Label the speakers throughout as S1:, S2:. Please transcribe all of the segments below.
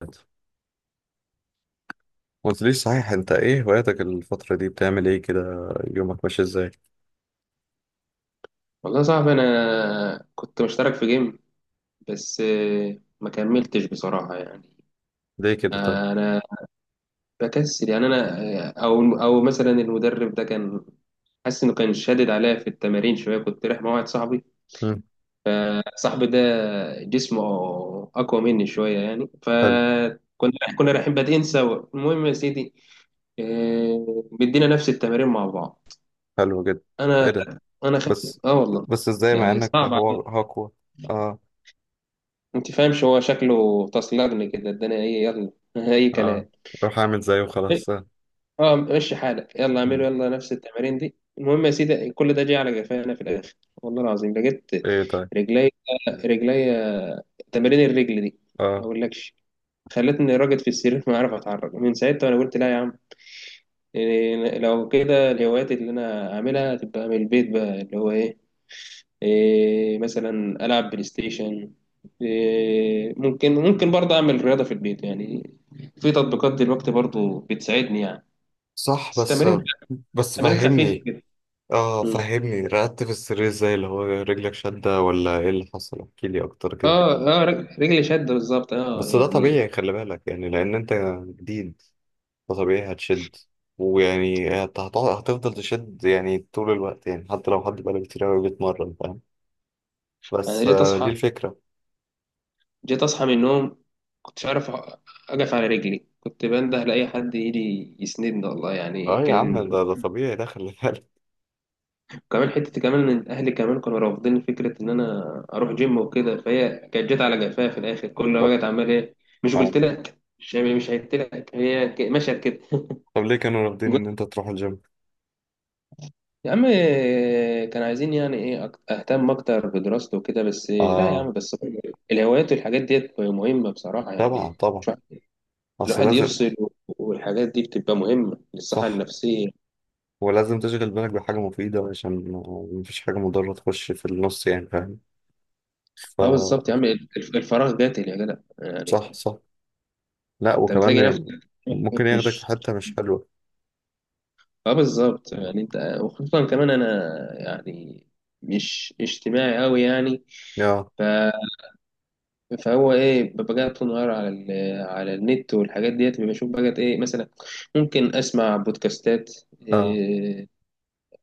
S1: ما قلتليش صحيح، انت ايه هواياتك الفترة دي؟ بتعمل ايه كده؟ يومك ماشي ازاي؟
S2: والله يا صاحبي انا كنت مشترك في جيم. بس ما كملتش بصراحة يعني.
S1: ليه كده طيب؟
S2: انا بكسل يعني. انا آه، او او مثلا المدرب ده كان حاسس انه كان شادد عليا في التمارين شوية. كنت رايح مع واحد صاحبي،
S1: مم.
S2: صاحبي ده جسمه اقوى مني شوية يعني،
S1: حلو،
S2: فكنا رايحين بادئين سوا. المهم يا سيدي، بدينا نفس التمارين مع بعض.
S1: حلو جدا. ايه
S2: انا
S1: ده؟
S2: انا خ...
S1: بس.
S2: اه والله،
S1: بس ازاي مع
S2: يعني
S1: انك
S2: صعب.
S1: هو هاكوا؟ اه،
S2: انت فاهمش، هو شكله تصلجني كده الدنيا ايه، يلا اي
S1: اه.
S2: كلام.
S1: روح اعمل زيه وخلاص.
S2: اه مشي حالك، يلا اعمله،
S1: مم.
S2: يلا نفس التمارين دي. المهم يا سيدي، كل ده جه على جفانا في الاخر، والله العظيم لقيت
S1: ايه طيب؟
S2: رجلي رجلي، تمارين الرجل دي ما
S1: اه،
S2: اقولكش، خلتني راجد في السرير، ما اعرف اتحرك من ساعتها. وانا قلت لا يا عم، لو كده الهوايات اللي انا اعملها تبقى من البيت بقى، اللي هو ايه، إيه، مثلا ألعب بلاي ستيشن. إيه، ممكن برضه أعمل رياضة في البيت يعني. في تطبيقات دلوقتي برضه بتساعدني يعني،
S1: صح.
S2: بس
S1: بس
S2: تمارين،
S1: بس
S2: تمارين خفيفة
S1: فهمني.
S2: كده.
S1: اه،
S2: مم.
S1: فهمني، رقدت في السرير ازاي؟ اللي هو رجلك شدة ولا ايه اللي حصل؟ احكيلي اكتر كده.
S2: اه، اه، رجلي شد بالظبط اه
S1: بس ده
S2: يعني.
S1: طبيعي، خلي بالك يعني لان انت جديد، فطبيعي هتشد. ويعني هتفضل تشد يعني طول الوقت، يعني حتى لو حد بقاله كتير أوي بيتمرن، فاهم؟
S2: انا
S1: بس
S2: جيت
S1: دي
S2: اصحى
S1: الفكرة.
S2: جيت اصحى من النوم، كنتش عارف اقف على رجلي. كنت بنده لاي حد يجي يسندني والله. يعني
S1: اه يا
S2: كان
S1: عم، ده طبيعي، ده خلي بالك.
S2: كمان حتة، كمان إن أهلي كمان كانوا رافضين فكرة إن أنا أروح جيم وكده، فهي كانت جت على جفاها في الآخر. كل ما
S1: طب
S2: بقت عمال إيه، مش
S1: آه،
S2: قلت لك، مش يعني مش قلت لك، مشيت كده
S1: طب ليه كانوا رافضين إن
S2: قلت
S1: أنت تروح الجيم؟
S2: يا عم، كان عايزين يعني إيه أهتم أكتر بدراسته وكده، بس لا يا
S1: اه،
S2: عم، بس الهوايات والحاجات ديت مهمة بصراحة
S1: طبعا
S2: يعني.
S1: طبعا.
S2: مش واحد-
S1: أصل
S2: الواحد
S1: لازم.
S2: يفصل والحاجات دي بتبقى مهمة للصحة
S1: صح.
S2: النفسية.
S1: ولازم تشغل بالك بحاجة مفيدة عشان مفيش حاجة مضرة تخش في النص، يعني فاهم؟ ف
S2: اه بالظبط يا عم، الفراغ قاتل يا جدع
S1: صح،
S2: يعني.
S1: صح. لا،
S2: انت بتلاقي نفسك،
S1: وكمان ممكن ياخدك في
S2: مش
S1: حتة مش حلوة.
S2: اه بالظبط يعني. انت وخصوصا كمان انا يعني مش اجتماعي قوي يعني.
S1: اه،
S2: ف... فهو ايه، ببقى قاعد طول النهار على على النت والحاجات ديت. بشوف بقى ايه مثلا، ممكن اسمع بودكاستات،
S1: اه،
S2: إيه،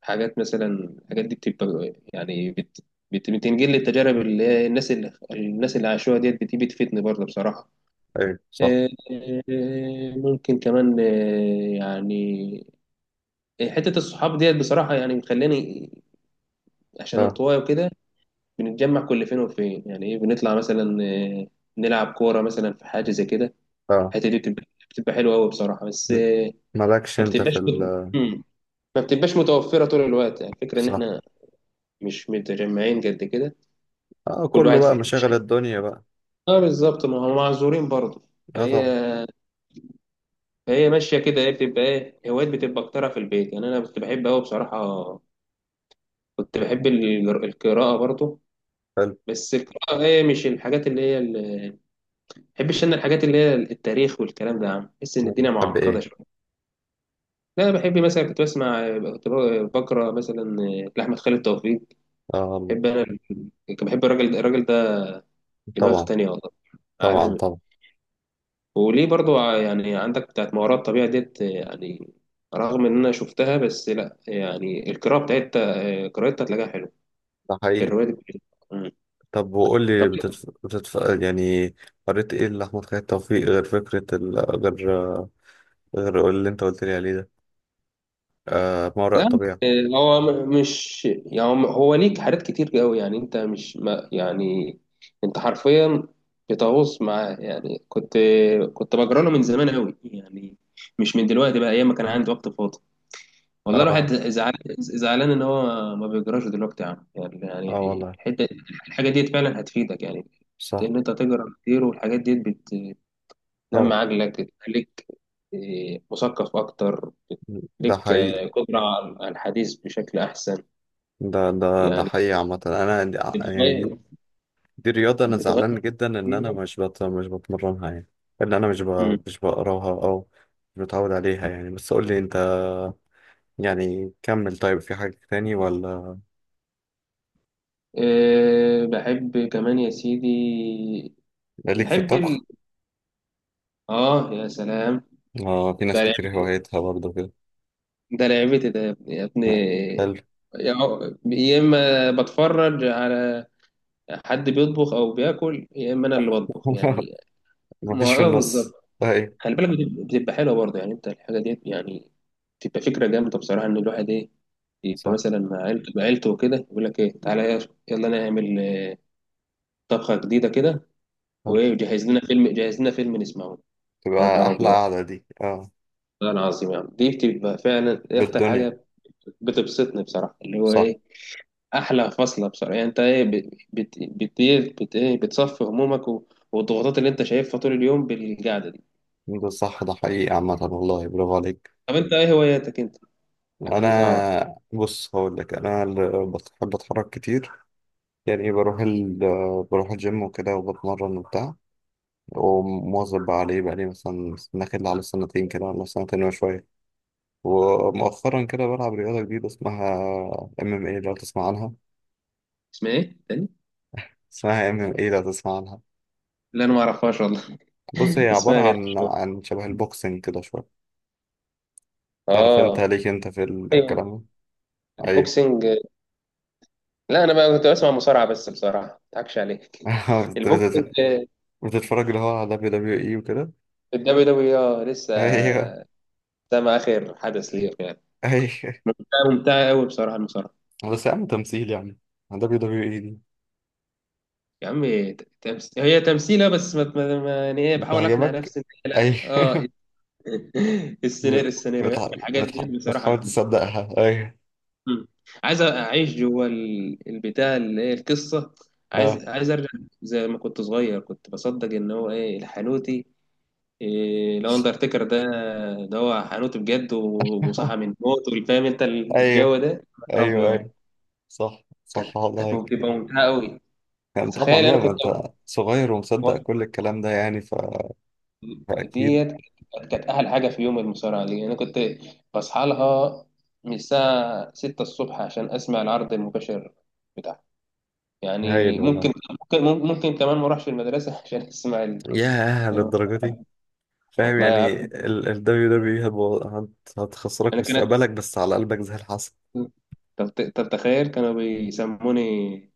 S2: حاجات مثلا. الحاجات دي بتبقى يعني بتنقل لي التجارب، اللي هي الناس اللي الناس اللي عاشوها ديت، بتيجي بتفيدني برضه بصراحة.
S1: ايوه، صح.
S2: إيه، إيه، ممكن كمان إيه يعني، حتة الصحاب ديت بصراحة، يعني مخلاني عشان
S1: اه،
S2: انطوائي وكده بنتجمع كل فين وفين. يعني ايه، بنطلع مثلا، نلعب كورة مثلا، في حاجة زي كده.
S1: اه.
S2: الحتة دي بتبقى حلوة أوي بصراحة، بس
S1: م. مالكش
S2: ما
S1: انت في
S2: بتبقاش مت...
S1: ال،
S2: مم. ما بتبقاش متوفرة طول الوقت. يعني الفكرة إن
S1: صح.
S2: إحنا مش متجمعين قد كده،
S1: اه،
S2: كل
S1: كله
S2: واحد في
S1: بقى
S2: حتة
S1: مشاغل
S2: شكل.
S1: الدنيا بقى.
S2: اه بالظبط، ما هم معذورين برضه.
S1: اه،
S2: فهي
S1: طبعا.
S2: فهي ماشية كده. هي بتبقى إيه، هوايات بتبقى أكترها في البيت يعني. أنا كنت بحب أوي بصراحة، كنت بحب القراءة برضه.
S1: حلو،
S2: بس القراءة، هي مش الحاجات اللي هي، بحبش انا الحاجات اللي هي التاريخ والكلام ده يا عم، بحس ان الدنيا
S1: بتحب
S2: معقده
S1: ايه؟
S2: شويه. لا أنا بحب مثلا، كنت بسمع، كنت بقرا مثلا لاحمد خالد توفيق.
S1: آه،
S2: بحب انا، كنت بحب الراجل ده دماغ
S1: طبعا
S2: تانية والله،
S1: طبعا
S2: عالمي.
S1: طبعا.
S2: وليه برضو يعني عندك بتاعت ما وراء الطبيعه ديت يعني رغم ان انا شفتها، بس لا يعني القراءه بتاعتها قراءتها هتلاقيها حلوه،
S1: ده حقيقي.
S2: الروايه دي بتاعتها. مم.
S1: طب وقول لي،
S2: طب
S1: يعني، قريت ايه لأحمد خالد توفيق غير فكرة ال... غير غير اللي انت قلت لي عليه ده؟ آه، ما وراء
S2: لا
S1: الطبيعة.
S2: هو مش يعني، هو هو ليك حاجات كتير قوي يعني. انت مش ما يعني، انت حرفيا بتغوص معاه يعني. كنت بجرى له من زمان قوي يعني، مش من دلوقتي بقى، ايام ما كان عندي وقت فاضي. والله الواحد
S1: اه،
S2: زعلان، زعلان ان هو ما بيجراش دلوقتي يا عم. يعني
S1: اه،
S2: يعني
S1: والله.
S2: الحته، الحاجه ديت فعلا هتفيدك يعني،
S1: صح.
S2: ان انت تجرا كتير. والحاجات ديت
S1: طبعا.
S2: بتنمي عقلك، تخليك مثقف اكتر،
S1: ده
S2: ليك
S1: حقيقي.
S2: قدره على على الحديث بشكل احسن
S1: ده ده
S2: يعني.
S1: حقيقي عامة. أنا يعني،
S2: بتغير
S1: دي رياضة، أنا
S2: بتغير
S1: زعلان جدا إن أنا
S2: كتير.
S1: مش بتمرنها يعني، إن أنا
S2: مم.
S1: مش بقراها أو مش متعود عليها يعني. بس قول لي أنت، يعني كمل طيب، في حاجة تاني ولا
S2: أه بحب كمان يا سيدي،
S1: ليك في
S2: بحب
S1: الطبخ؟
S2: اه يا سلام،
S1: آه، في ناس
S2: ده
S1: كتير
S2: لعب...
S1: هوايتها برضه كده.
S2: ده لعبتي ده يا
S1: آه، حلو.
S2: ابني. يا يا اما بتفرج على حد بيطبخ او بياكل، يا اما انا اللي بطبخ يعني. ما
S1: مفيش في
S2: اه
S1: النص.
S2: بالظبط،
S1: أي.
S2: خلي بالك، بتبقى حلوه برضه يعني. انت الحاجه دي يعني بتبقى فكره جامده بصراحه، ان الواحد ايه يبقى
S1: صح.
S2: مثلا مع عيلته، وكده يقول لك ايه، تعالى يلا نعمل طبخه جديده كده
S1: حلو.
S2: وايه، وجهز لنا فيلم جهز لنا فيلم نسمعه. يا
S1: تبقى
S2: نهار
S1: أحلى
S2: ابيض،
S1: قعدة دي.
S2: والله العظيم يا عم دي بتبقى فعلا إيه اكتر
S1: بالدنيا.
S2: حاجه بتبسطني بصراحه، اللي هو
S1: صح.
S2: ايه، احلى فصله بصراحه يعني. انت ايه بت بت بت إيه بت ايه بتصفي همومك والضغوطات اللي انت شايفها طول اليوم بالقعده دي.
S1: ده صح، ده حقيقي عامة، والله برافو عليك.
S2: طب انت ايه هواياتك انت، عايز اعرف.
S1: أنا بص، هقول لك، أنا اللي بحب أتحرك كتير، يعني بروح الجيم وكده، وبتمرن وبتاع، ومواظب عليه بقالي مثلا داخل على سنتين كده، ولا سنتين وشوية. ومؤخرا كده بلعب رياضة جديدة اسمها MMA، لو تسمع عنها؟
S2: اسمها ايه تاني؟
S1: اسمها MMA، لو تسمع عنها؟
S2: لا انا ما اعرفهاش والله.
S1: بص، هي
S2: اسمها
S1: عبارة
S2: غريب.
S1: عن شبه البوكسنج كده شوية. تعرف انت
S2: اه.
S1: ليك انت في
S2: ايوه،
S1: الكلام ده؟ ايوه.
S2: البوكسنج. لا انا بقى كنت بسمع مصارعه بس، بصراحه ما اضحكش عليك
S1: بت- بت-
S2: البوكسنج،
S1: بتتفرج اللي هو على WWE وكده.
S2: الدبليو دبليو لسه
S1: ايوه،
S2: سامع آخر حدث ليه يعني.
S1: ايوه.
S2: لا، ممتعة أوي بصراحة المصارعة.
S1: بس يا عم تمثيل يعني، WWE دي
S2: يا عم هي تمثيلة، بس ما... ما... ما... يعني إيه، بحاول أقنع
S1: بتعجبك؟
S2: نفسي إن هي
S1: ايوه.
S2: لا آه.
S1: بت-
S2: السيناريوهات
S1: بتح...
S2: والحاجات دي بصراحة
S1: بتحاول
S2: جامدة.
S1: تصدقها. ايوه،
S2: مم. عايز أعيش جوه البتاع اللي هي القصة،
S1: اه،
S2: عايز، عايز أرجع زي ما كنت صغير. كنت بصدق إن هو إيه، الحانوتي، إيه، الأندرتيكر ده، ده هو حانوتي بجد وصحى من الموت. والفاهم أنت
S1: ايوه،
S2: الجو ده، يا نهار
S1: ايوه،
S2: أبيض.
S1: ايوه. صح،
S2: كانت
S1: صح،
S2: كانت
S1: والله.
S2: بتبقى ممتعة أوي.
S1: يعني
S2: تخيل
S1: طبعا بقى،
S2: انا
S1: ما
S2: كنت
S1: انت صغير ومصدق
S2: و-
S1: كل الكلام ده يعني، فاكيد.
S2: ديت كانت، كانت احلى حاجه. في يوم المصارعه دي انا كنت بصحى لها من الساعه 6 الصبح عشان اسمع العرض المباشر بتاعها. يعني
S1: هايل والله.
S2: ممكن، ممكن، ممكن كمان ما اروحش المدرسه عشان اسمع
S1: ياه،
S2: ال-
S1: للدرجه دي. فاهم
S2: والله يا
S1: يعني
S2: عبد
S1: ال WWE هتخسرك
S2: انا كان،
S1: مستقبلك، بس على قلبك زي الحصى.
S2: طب، طب تخيل كانوا بيسموني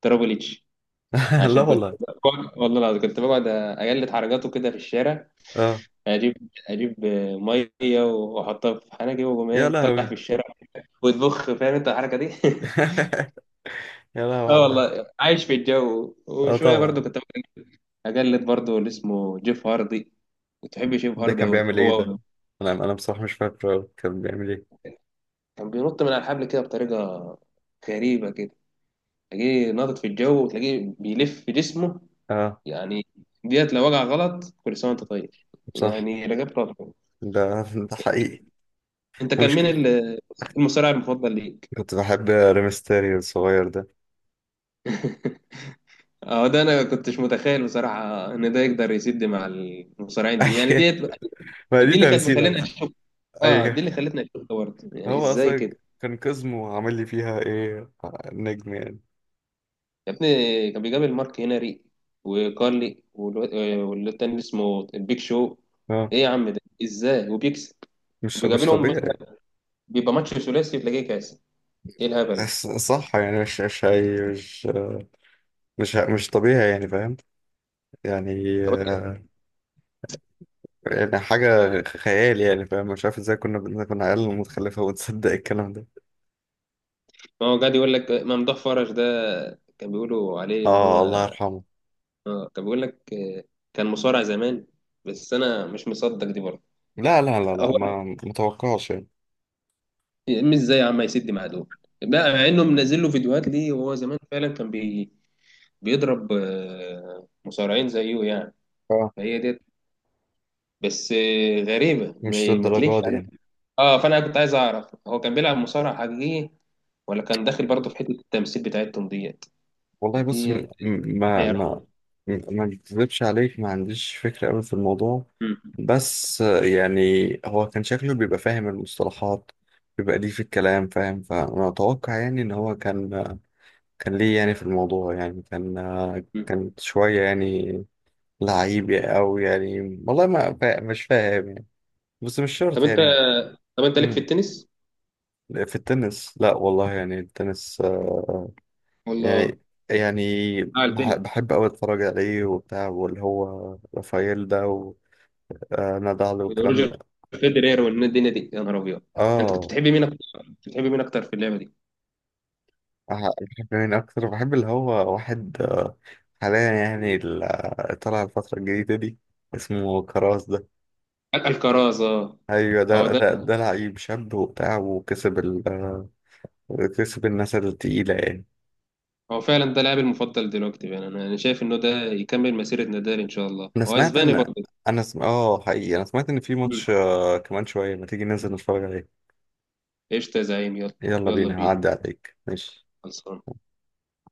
S2: ترابل اتش.
S1: لا
S2: عشان كنت
S1: والله.
S2: بقعد، والله العظيم كنت بقعد اجلد حركاته كده في الشارع،
S1: اه،
S2: اجيب اجيب ميه واحطها في حنكي واقوم
S1: يا
S2: ايه، طلع في
S1: لهوي.
S2: الشارع وتبخ، فاهم انت الحركه دي
S1: يا لهوي
S2: اه
S1: عدها.
S2: والله عايش في الجو.
S1: اه،
S2: وشويه برضو
S1: طبعا.
S2: كنت اقلد برضو اللي اسمه جيف هاردي، كنت بحب جيف
S1: ده
S2: هاردي
S1: كان
S2: قوي.
S1: بيعمل ايه ده؟
S2: هو
S1: انا بصراحه مش فاكره كان بيعمل ايه.
S2: كان بينط من على الحبل كده بطريقه غريبه كده، تلاقيه ناطط في الجو وتلاقيه بيلف في جسمه
S1: اه،
S2: يعني. ديت لو وقع غلط كل سنه وانت طيب،
S1: صح.
S2: يعني رجعت راسه.
S1: ده ده حقيقي.
S2: انت كان مين
S1: مشكل.
S2: المصارع المفضل ليك؟
S1: كنت بحب ريمستيريو الصغير ده.
S2: اه ده انا كنتش متخيل بصراحه ان ده يقدر يسد مع المصارعين دي يعني.
S1: أي-
S2: ديت
S1: ما
S2: دي
S1: دي
S2: اللي كانت
S1: تمثيلة
S2: مخلينا،
S1: بقى.
S2: اه دي اللي
S1: أيوه،
S2: خلتني اشوف ده برضه يعني،
S1: هو
S2: ازاي
S1: أصلا
S2: كده.
S1: كان كاظمو عامل لي فيها إيه، نجم يعني.
S2: يا ابني كان بيقابل مارك هنري وكارلي واللي التاني اسمه البيك شو.
S1: أه،
S2: ايه يا عم ده ازاي وبيكسب،
S1: مش
S2: وبيقابلهم
S1: طبيعي.
S2: مثلا، بيبقى ماتش ثلاثي تلاقيه كاس. ايه الهبل ده.
S1: بس صح يعني، مش مش هي- مش مش مش طبيعي يعني، فاهم. يعني
S2: طب أنت-
S1: آه، يعني حاجة خيال يعني، فاهم. مش عارف ازاي كنا عيال متخلفة وتصدق الكلام ده.
S2: ما هو قاعد يقول لك ممدوح فرج ده، كان بيقولوا عليه ان هو
S1: اه، الله يرحمه.
S2: كان بيقول لك كان مصارع زمان. بس انا مش مصدق دي برضه.
S1: لا، لا، لا، لا،
S2: هو
S1: ما متوقعش يعني.
S2: مش ازاي يا عم يسد مع دول بقى، مع انه منزل له فيديوهات ليه، وهو زمان فعلا كان بي بيضرب مصارعين زيه يعني.
S1: اه،
S2: فهي ديت بس غريبة،
S1: مش
S2: ما تليقش
S1: للدرجة دي
S2: عليه.
S1: يعني.
S2: اه فانا كنت عايز اعرف هو كان بيلعب مصارع حقيقي، ولا كان داخل برضه في حتة التمثيل بتاعتهم ديت.
S1: والله بص،
S2: ديت
S1: م- م- ما
S2: حيران.
S1: ما ما بكذبش عليك، ما عنديش فكرة أوي في الموضوع.
S2: مم.
S1: بس يعني هو كان شكله بيبقى فاهم المصطلحات، بيبقى ليه في الكلام، فاهم. فأنا أتوقع يعني إن هو كان ليه يعني في الموضوع، يعني كان آه،
S2: مم.
S1: كان شوية يعني لعيب أو يعني. والله ما فا... مش فاهم يعني، بس مش
S2: طب
S1: شرط
S2: انت
S1: يعني.
S2: طب انت ليك في
S1: مم.
S2: التنس
S1: في التنس، لا والله، يعني التنس
S2: ولا؟
S1: يعني يعني
S2: اه
S1: بح-
S2: التنس،
S1: بحب أوي أتفرج عليه وبتاع، واللي هو رافائيل ده، وندى علي والكلام
S2: روجر
S1: ده.
S2: فيدرير والدنيا دي، يا نهار ابيض. انت كنت
S1: آه،
S2: بتحبي مين اكتر، كنت بتحبي مين اكتر في اللعبة دي؟
S1: بحب مين أكتر؟ بحب اللي هو واحد، حاليا يعني طلع الفترة الجديدة دي اسمه كراس ده.
S2: الكرازة،
S1: أيوة، ده
S2: اه ده
S1: ده ده لعيب شاب وبتاع، وكسب ال آه، كسب الناس التقيلة يعني.
S2: هو فعلا ده لاعبي المفضل دلوقتي يعني. أنا شايف انه ده يكمل مسيرة نادال ان شاء الله،
S1: أنا
S2: هو
S1: سمعت
S2: اسباني
S1: إن،
S2: برضه.
S1: أنا سم... آه حقيقي، أنا سمعت إن في
S2: مم.
S1: ماتش، كمان شوية، ما تيجي ننزل نتفرج عليه.
S2: قشطة يا زعيم، يلا.
S1: يلا
S2: يلا
S1: بينا،
S2: بينا.
S1: هعدي عليك، ماشي.
S2: خلصان.